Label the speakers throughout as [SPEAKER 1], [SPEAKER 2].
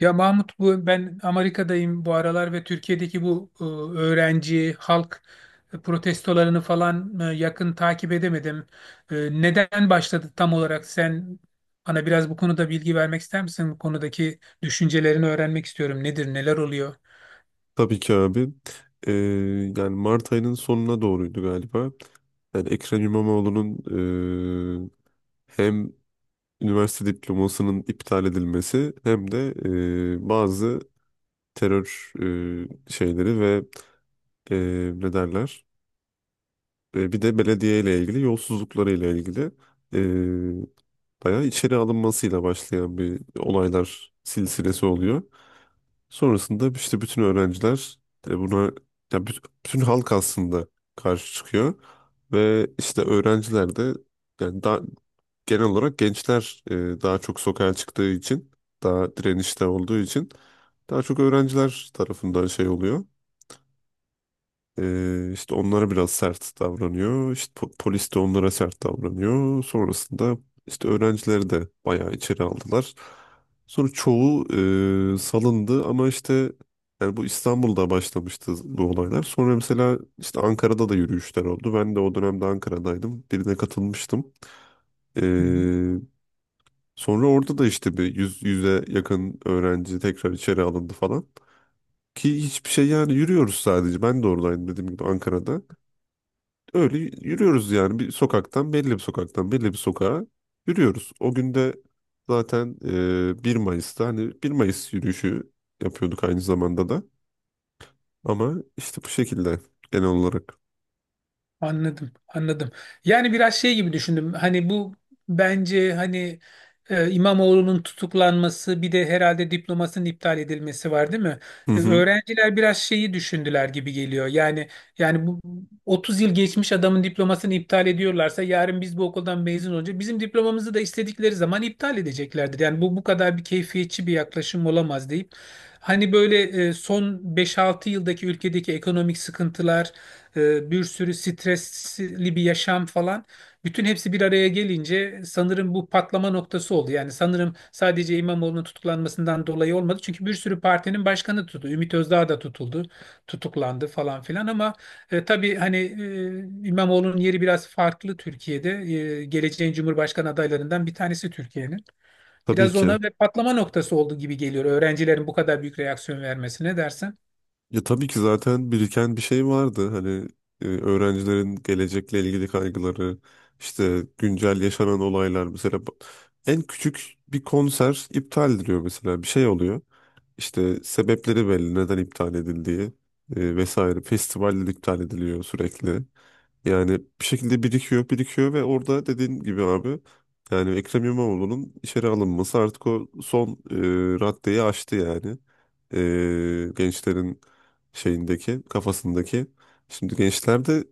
[SPEAKER 1] Ya Mahmut, bu ben Amerika'dayım bu aralar ve Türkiye'deki bu öğrenci halk protestolarını falan yakın takip edemedim. E, Neden başladı tam olarak? Sen bana biraz bu konuda bilgi vermek ister misin? Bu konudaki düşüncelerini öğrenmek istiyorum. Nedir, neler oluyor?
[SPEAKER 2] Tabii ki abi. Ee, Yani Mart ayının sonuna doğruydu galiba. Yani Ekrem İmamoğlu'nun eee, hem üniversite diplomasının iptal edilmesi hem de bazı terör şeyleri ve ne derler. Bir de belediye ile ilgili yolsuzlukları ile ilgili eee bayağı içeri alınmasıyla başlayan bir olaylar silsilesi oluyor. Sonrasında işte bütün öğrenciler de buna, ya bütün halk aslında karşı çıkıyor ve işte öğrenciler de yani daha genel olarak gençler daha çok sokağa çıktığı için, daha direnişte olduğu için daha çok öğrenciler tarafından şey oluyor. İşte onlara biraz sert davranıyor. İşte polis de onlara sert davranıyor. Sonrasında işte öğrencileri de bayağı içeri aldılar. Sonra çoğu salındı ama işte yani bu İstanbul'da başlamıştı bu olaylar. Sonra mesela işte Ankara'da da yürüyüşler oldu. Ben de o dönemde Ankara'daydım. Birine katılmıştım. Ee, Sonra orada da işte bir yüz, yüze yakın öğrenci tekrar içeri alındı falan. Ki hiçbir şey, yani yürüyoruz sadece. Ben de oradaydım dediğim gibi Ankara'da. Öyle yürüyoruz yani bir sokaktan, belli bir sokağa yürüyoruz. O gün de zaten 1 Mayıs'ta hani bir Mayıs yürüyüşü yapıyorduk aynı zamanda da. Ama işte bu şekilde genel olarak.
[SPEAKER 1] Anladım, anladım. Yani biraz şey gibi düşündüm. Hani bu bence hani İmamoğlu'nun tutuklanması bir de herhalde diplomasının iptal edilmesi var değil mi?
[SPEAKER 2] Hı hı,
[SPEAKER 1] Öğrenciler biraz şeyi düşündüler gibi geliyor. Yani yani 30 yıl geçmiş adamın diplomasını iptal ediyorlarsa yarın biz bu okuldan mezun olunca bizim diplomamızı da istedikleri zaman iptal edeceklerdir. Yani bu kadar bir keyfiyetçi bir yaklaşım olamaz deyip hani böyle son beş altı yıldaki ülkedeki ekonomik sıkıntılar, bir sürü stresli bir yaşam falan. Bütün hepsi bir araya gelince sanırım bu patlama noktası oldu. Yani sanırım sadece İmamoğlu'nun tutuklanmasından dolayı olmadı. Çünkü bir sürü partinin başkanı tutuldu. Ümit Özdağ da tutuldu, tutuklandı falan filan ama tabii hani İmamoğlu'nun yeri biraz farklı Türkiye'de. Geleceğin Cumhurbaşkanı adaylarından bir tanesi Türkiye'nin.
[SPEAKER 2] tabii
[SPEAKER 1] Biraz ona
[SPEAKER 2] ki.
[SPEAKER 1] ve patlama noktası oldu gibi geliyor öğrencilerin bu kadar büyük reaksiyon vermesine dersen.
[SPEAKER 2] Ya tabii ki zaten biriken bir şey vardı. Hani öğrencilerin gelecekle ilgili kaygıları, işte güncel yaşanan olaylar mesela en küçük bir konser iptal ediliyor, mesela bir şey oluyor. İşte sebepleri belli, neden iptal edildiği vesaire. Festivaller iptal ediliyor sürekli. Yani bir şekilde birikiyor, birikiyor ve orada dediğin gibi abi, yani Ekrem İmamoğlu'nun içeri alınması artık o son raddeyi aştı yani. Gençlerin şeyindeki, kafasındaki. Şimdi gençler de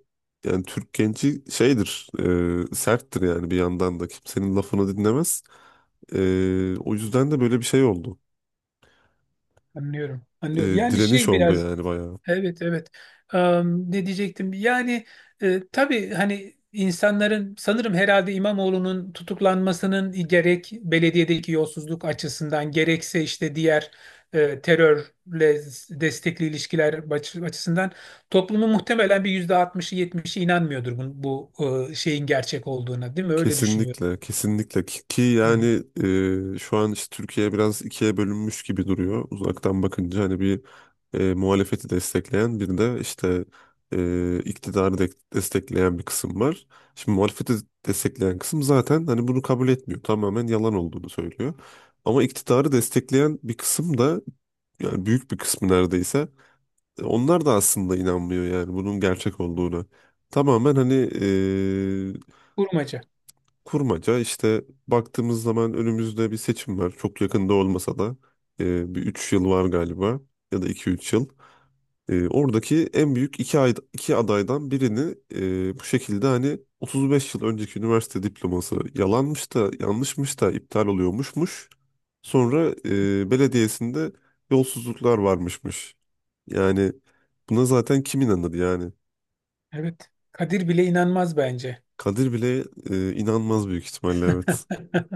[SPEAKER 2] yani Türk genci şeydir, serttir yani, bir yandan da kimsenin lafını dinlemez. E, O yüzden de böyle bir şey oldu,
[SPEAKER 1] Anlıyorum.
[SPEAKER 2] e,
[SPEAKER 1] Anlıyorum. Yani
[SPEAKER 2] direniş
[SPEAKER 1] şey
[SPEAKER 2] oldu
[SPEAKER 1] biraz.
[SPEAKER 2] yani bayağı.
[SPEAKER 1] Evet, evet. Ne diyecektim? Yani tabii hani insanların sanırım herhalde İmamoğlu'nun tutuklanmasının gerek belediyedeki yolsuzluk açısından gerekse işte diğer terörle destekli ilişkiler açısından toplumun muhtemelen bir %60'ı 70'i inanmıyordur bu şeyin gerçek olduğuna, değil mi? Öyle düşünüyorum.
[SPEAKER 2] Kesinlikle ki
[SPEAKER 1] Hı hı.
[SPEAKER 2] yani şu an işte Türkiye biraz ikiye bölünmüş gibi duruyor uzaktan bakınca, hani bir muhalefeti destekleyen, bir de işte iktidarı destekleyen bir kısım var. Şimdi muhalefeti destekleyen kısım zaten hani bunu kabul etmiyor, tamamen yalan olduğunu söylüyor. Ama iktidarı destekleyen bir kısım da, yani büyük bir kısmı neredeyse, onlar da aslında inanmıyor yani bunun gerçek olduğuna. Tamamen hani e,
[SPEAKER 1] Kurmaca.
[SPEAKER 2] kurmaca. İşte baktığımız zaman önümüzde bir seçim var. Çok yakında olmasa da bir 3 yıl var galiba, ya da iki üç yıl. Oradaki en büyük iki, ay, iki adaydan birini bu şekilde hani 35 yıl önceki üniversite diploması yalanmış da yanlışmış da iptal oluyormuşmuş. Sonra belediyesinde yolsuzluklar varmışmış. Yani buna zaten kim inanır yani?
[SPEAKER 1] Evet. Kadir bile inanmaz bence.
[SPEAKER 2] Kadir bile inanmaz büyük ihtimalle, evet.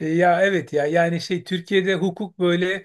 [SPEAKER 1] Ya evet, ya yani şey, Türkiye'de hukuk böyle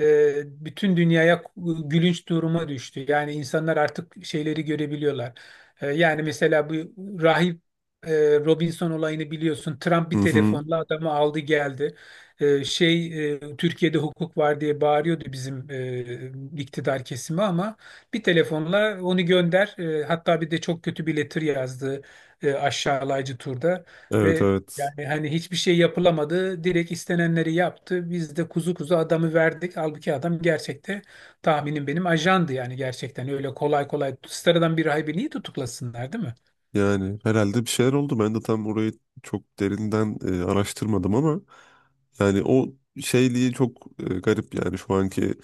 [SPEAKER 1] bütün dünyaya gülünç duruma düştü. Yani insanlar artık şeyleri görebiliyorlar. Yani mesela bu rahip e, Robinson olayını biliyorsun. Trump
[SPEAKER 2] Hı
[SPEAKER 1] bir
[SPEAKER 2] hı.
[SPEAKER 1] telefonla adamı aldı geldi. Şey, Türkiye'de hukuk var diye bağırıyordu bizim iktidar kesimi ama bir telefonla onu gönder. Hatta bir de çok kötü bir letter yazdı, aşağılayıcı turda.
[SPEAKER 2] Evet,
[SPEAKER 1] Ve
[SPEAKER 2] evet.
[SPEAKER 1] yani hani hiçbir şey yapılamadı. Direkt istenenleri yaptı. Biz de kuzu kuzu adamı verdik. Halbuki adam gerçekte tahminim benim ajandı, yani gerçekten. Öyle kolay kolay sıradan bir rahibi niye tutuklasınlar, değil mi?
[SPEAKER 2] Yani herhalde bir şeyler oldu. Ben de tam orayı çok derinden araştırmadım ama yani o şeyliği çok garip yani şu anki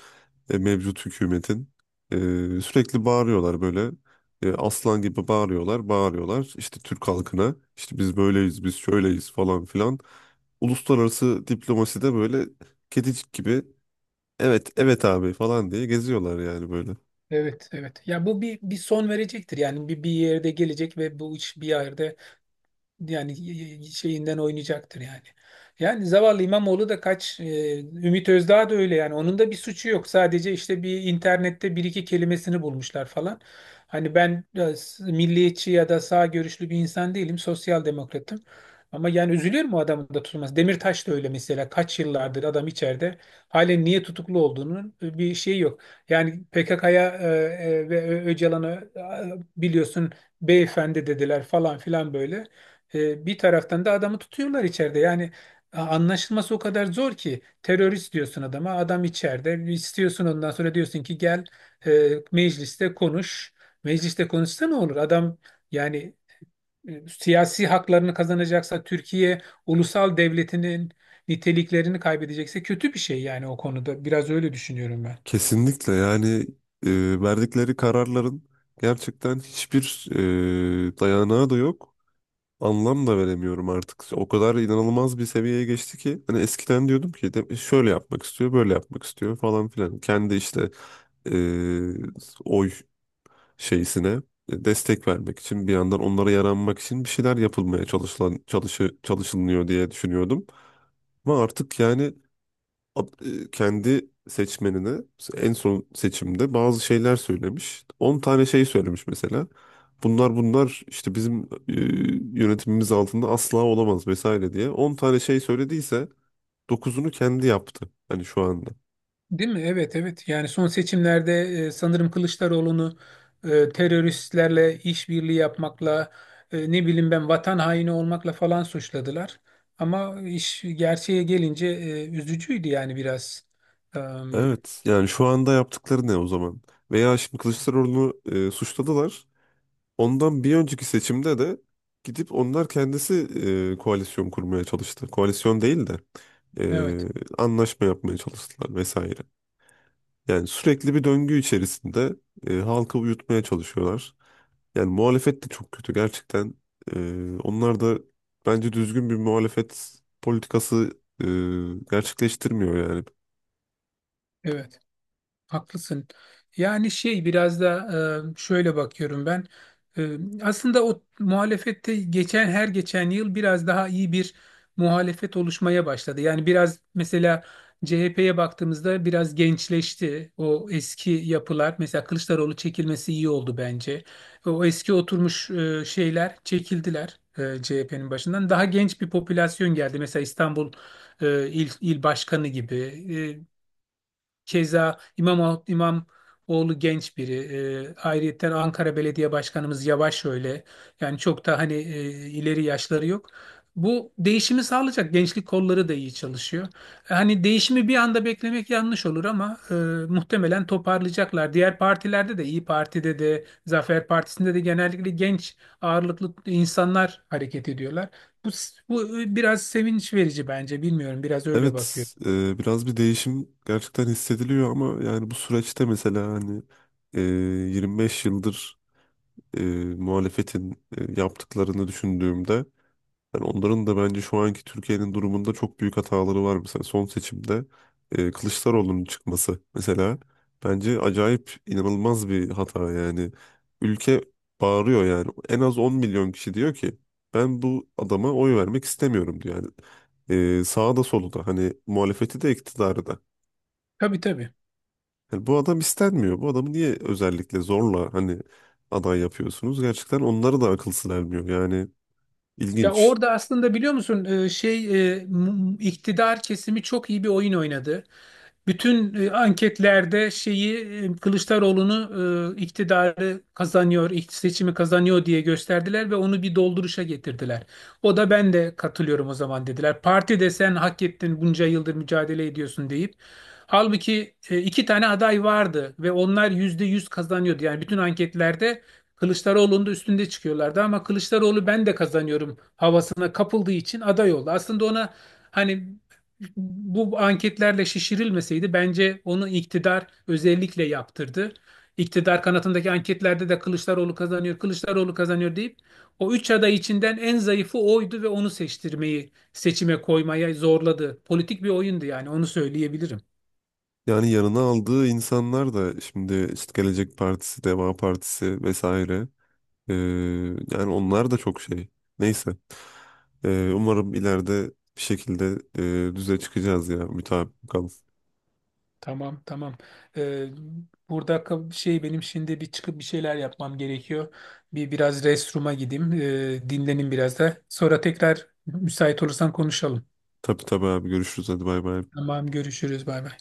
[SPEAKER 2] mevcut hükümetin. E, Sürekli bağırıyorlar böyle. Aslan gibi bağırıyorlar, bağırıyorlar. İşte Türk halkına işte biz böyleyiz, biz şöyleyiz falan filan. Uluslararası diplomaside böyle kedicik gibi evet, evet abi falan diye geziyorlar yani böyle.
[SPEAKER 1] Evet, evet. Ya bu bir son verecektir. Yani bir yerde gelecek ve bu iş bir yerde, yani şeyinden oynayacaktır yani. Yani zavallı İmamoğlu da kaç, Ümit Özdağ da öyle, yani onun da bir suçu yok. Sadece işte bir internette bir iki kelimesini bulmuşlar falan. Hani ben milliyetçi ya da sağ görüşlü bir insan değilim, sosyal demokratım. Ama yani üzülüyorum o adamın da tutulması. Demirtaş da öyle mesela, kaç yıllardır adam içeride. Halen niye tutuklu olduğunun bir şeyi yok. Yani PKK'ya ve Öcalan'a, biliyorsun, beyefendi dediler falan filan böyle. Bir taraftan da adamı tutuyorlar içeride. Yani anlaşılması o kadar zor ki, terörist diyorsun adama, adam içeride. İstiyorsun, ondan sonra diyorsun ki gel mecliste konuş. Mecliste konuşsa ne olur? Adam yani siyasi haklarını kazanacaksa, Türkiye ulusal devletinin niteliklerini kaybedecekse kötü bir şey yani o konuda. Biraz öyle düşünüyorum ben.
[SPEAKER 2] Kesinlikle, yani verdikleri kararların gerçekten hiçbir dayanağı da yok. Anlam da veremiyorum artık. O kadar inanılmaz bir seviyeye geçti ki, hani eskiden diyordum ki de, şöyle yapmak istiyor, böyle yapmak istiyor falan filan. Kendi işte e, oy şeysine destek vermek için, bir yandan onlara yaranmak için bir şeyler yapılmaya çalışılıyor diye düşünüyordum. Ama artık yani kendi seçmenine en son seçimde bazı şeyler söylemiş. On tane şey söylemiş mesela. Bunlar işte bizim yönetimimiz altında asla olamaz vesaire diye. On tane şey söylediyse dokuzunu kendi yaptı. Hani şu anda.
[SPEAKER 1] Değil mi? Evet, evet. Yani son seçimlerde sanırım Kılıçdaroğlu'nu teröristlerle işbirliği yapmakla, ne bileyim ben, vatan haini olmakla falan suçladılar. Ama iş gerçeğe gelince üzücüydü yani biraz. Em,
[SPEAKER 2] Evet, yani şu anda yaptıkları ne o zaman? Veya şimdi Kılıçdaroğlu'nu suçladılar. Ondan bir önceki seçimde de gidip onlar kendisi koalisyon kurmaya çalıştı. Koalisyon değil de
[SPEAKER 1] evet,
[SPEAKER 2] e, anlaşma yapmaya çalıştılar vesaire. Yani sürekli bir döngü içerisinde halkı uyutmaya çalışıyorlar. Yani muhalefet de çok kötü gerçekten. Onlar da bence düzgün bir muhalefet politikası e, gerçekleştirmiyor yani.
[SPEAKER 1] evet. Haklısın. Yani şey, biraz da şöyle bakıyorum ben. E, Aslında o muhalefette geçen, her geçen yıl biraz daha iyi bir muhalefet oluşmaya başladı. Yani biraz mesela CHP'ye baktığımızda biraz gençleşti. O eski yapılar, mesela Kılıçdaroğlu çekilmesi iyi oldu bence. O eski oturmuş şeyler çekildiler CHP'nin başından. Daha genç bir popülasyon geldi. Mesela İstanbul il başkanı gibi. E, Keza İmamoğlu genç biri. Ayrıyetten Ankara Belediye Başkanımız Yavaş öyle. Yani çok da hani ileri yaşları yok. Bu değişimi sağlayacak. Gençlik kolları da iyi çalışıyor. Hani değişimi bir anda beklemek yanlış olur ama muhtemelen toparlayacaklar. Diğer partilerde de, İyi Parti'de de, Zafer Partisi'nde de genellikle genç ağırlıklı insanlar hareket ediyorlar. Bu, bu biraz sevinç verici bence. Bilmiyorum, biraz öyle bakıyor.
[SPEAKER 2] Evet, biraz bir değişim gerçekten hissediliyor ama yani bu süreçte mesela hani e, 25 yıldır e, muhalefetin yaptıklarını düşündüğümde, yani onların da bence şu anki Türkiye'nin durumunda çok büyük hataları var. Mesela son seçimde Kılıçdaroğlu'nun çıkması mesela bence acayip inanılmaz bir hata yani. Ülke bağırıyor yani. En az 10 milyon kişi diyor ki ben bu adama oy vermek istemiyorum diyor. Yani sağda soluda hani muhalefeti de iktidarı da.
[SPEAKER 1] Tabii, tabii.
[SPEAKER 2] Yani bu adam istenmiyor. Bu adamı niye özellikle zorla hani aday yapıyorsunuz? Gerçekten onlara da akıl sır ermiyor. Yani
[SPEAKER 1] Ya
[SPEAKER 2] ilginç.
[SPEAKER 1] orada aslında biliyor musun, iktidar kesimi çok iyi bir oyun oynadı. Bütün anketlerde şeyi, Kılıçdaroğlu'nu seçimi kazanıyor diye gösterdiler ve onu bir dolduruşa getirdiler. O da ben de katılıyorum o zaman dediler. Parti de sen hak ettin bunca yıldır mücadele ediyorsun deyip. Halbuki iki tane aday vardı ve onlar %100 kazanıyordu. Yani bütün anketlerde Kılıçdaroğlu'nun da üstünde çıkıyorlardı ama Kılıçdaroğlu ben de kazanıyorum havasına kapıldığı için aday oldu. Aslında ona hani bu anketlerle şişirilmeseydi bence onu iktidar özellikle yaptırdı. İktidar kanatındaki anketlerde de Kılıçdaroğlu kazanıyor, Kılıçdaroğlu kazanıyor deyip o üç aday içinden en zayıfı oydu ve onu seçtirmeyi, seçime koymaya zorladı. Politik bir oyundu, yani onu söyleyebilirim.
[SPEAKER 2] Yani yanına aldığı insanlar da şimdi işte Gelecek Partisi, Deva Partisi vesaire. Ee, yani onlar da çok şey. Neyse. Umarım ileride bir şekilde düze çıkacağız ya. Mütabık kalın.
[SPEAKER 1] Tamam, tamam. Ee, Burada şey, benim şimdi bir çıkıp bir şeyler yapmam gerekiyor. Bir biraz restroom'a gideyim. Dinlenin biraz da. Sonra tekrar müsait olursan konuşalım.
[SPEAKER 2] Tabii tabii abi, görüşürüz. Hadi bay bay.
[SPEAKER 1] Tamam, görüşürüz, bay bay.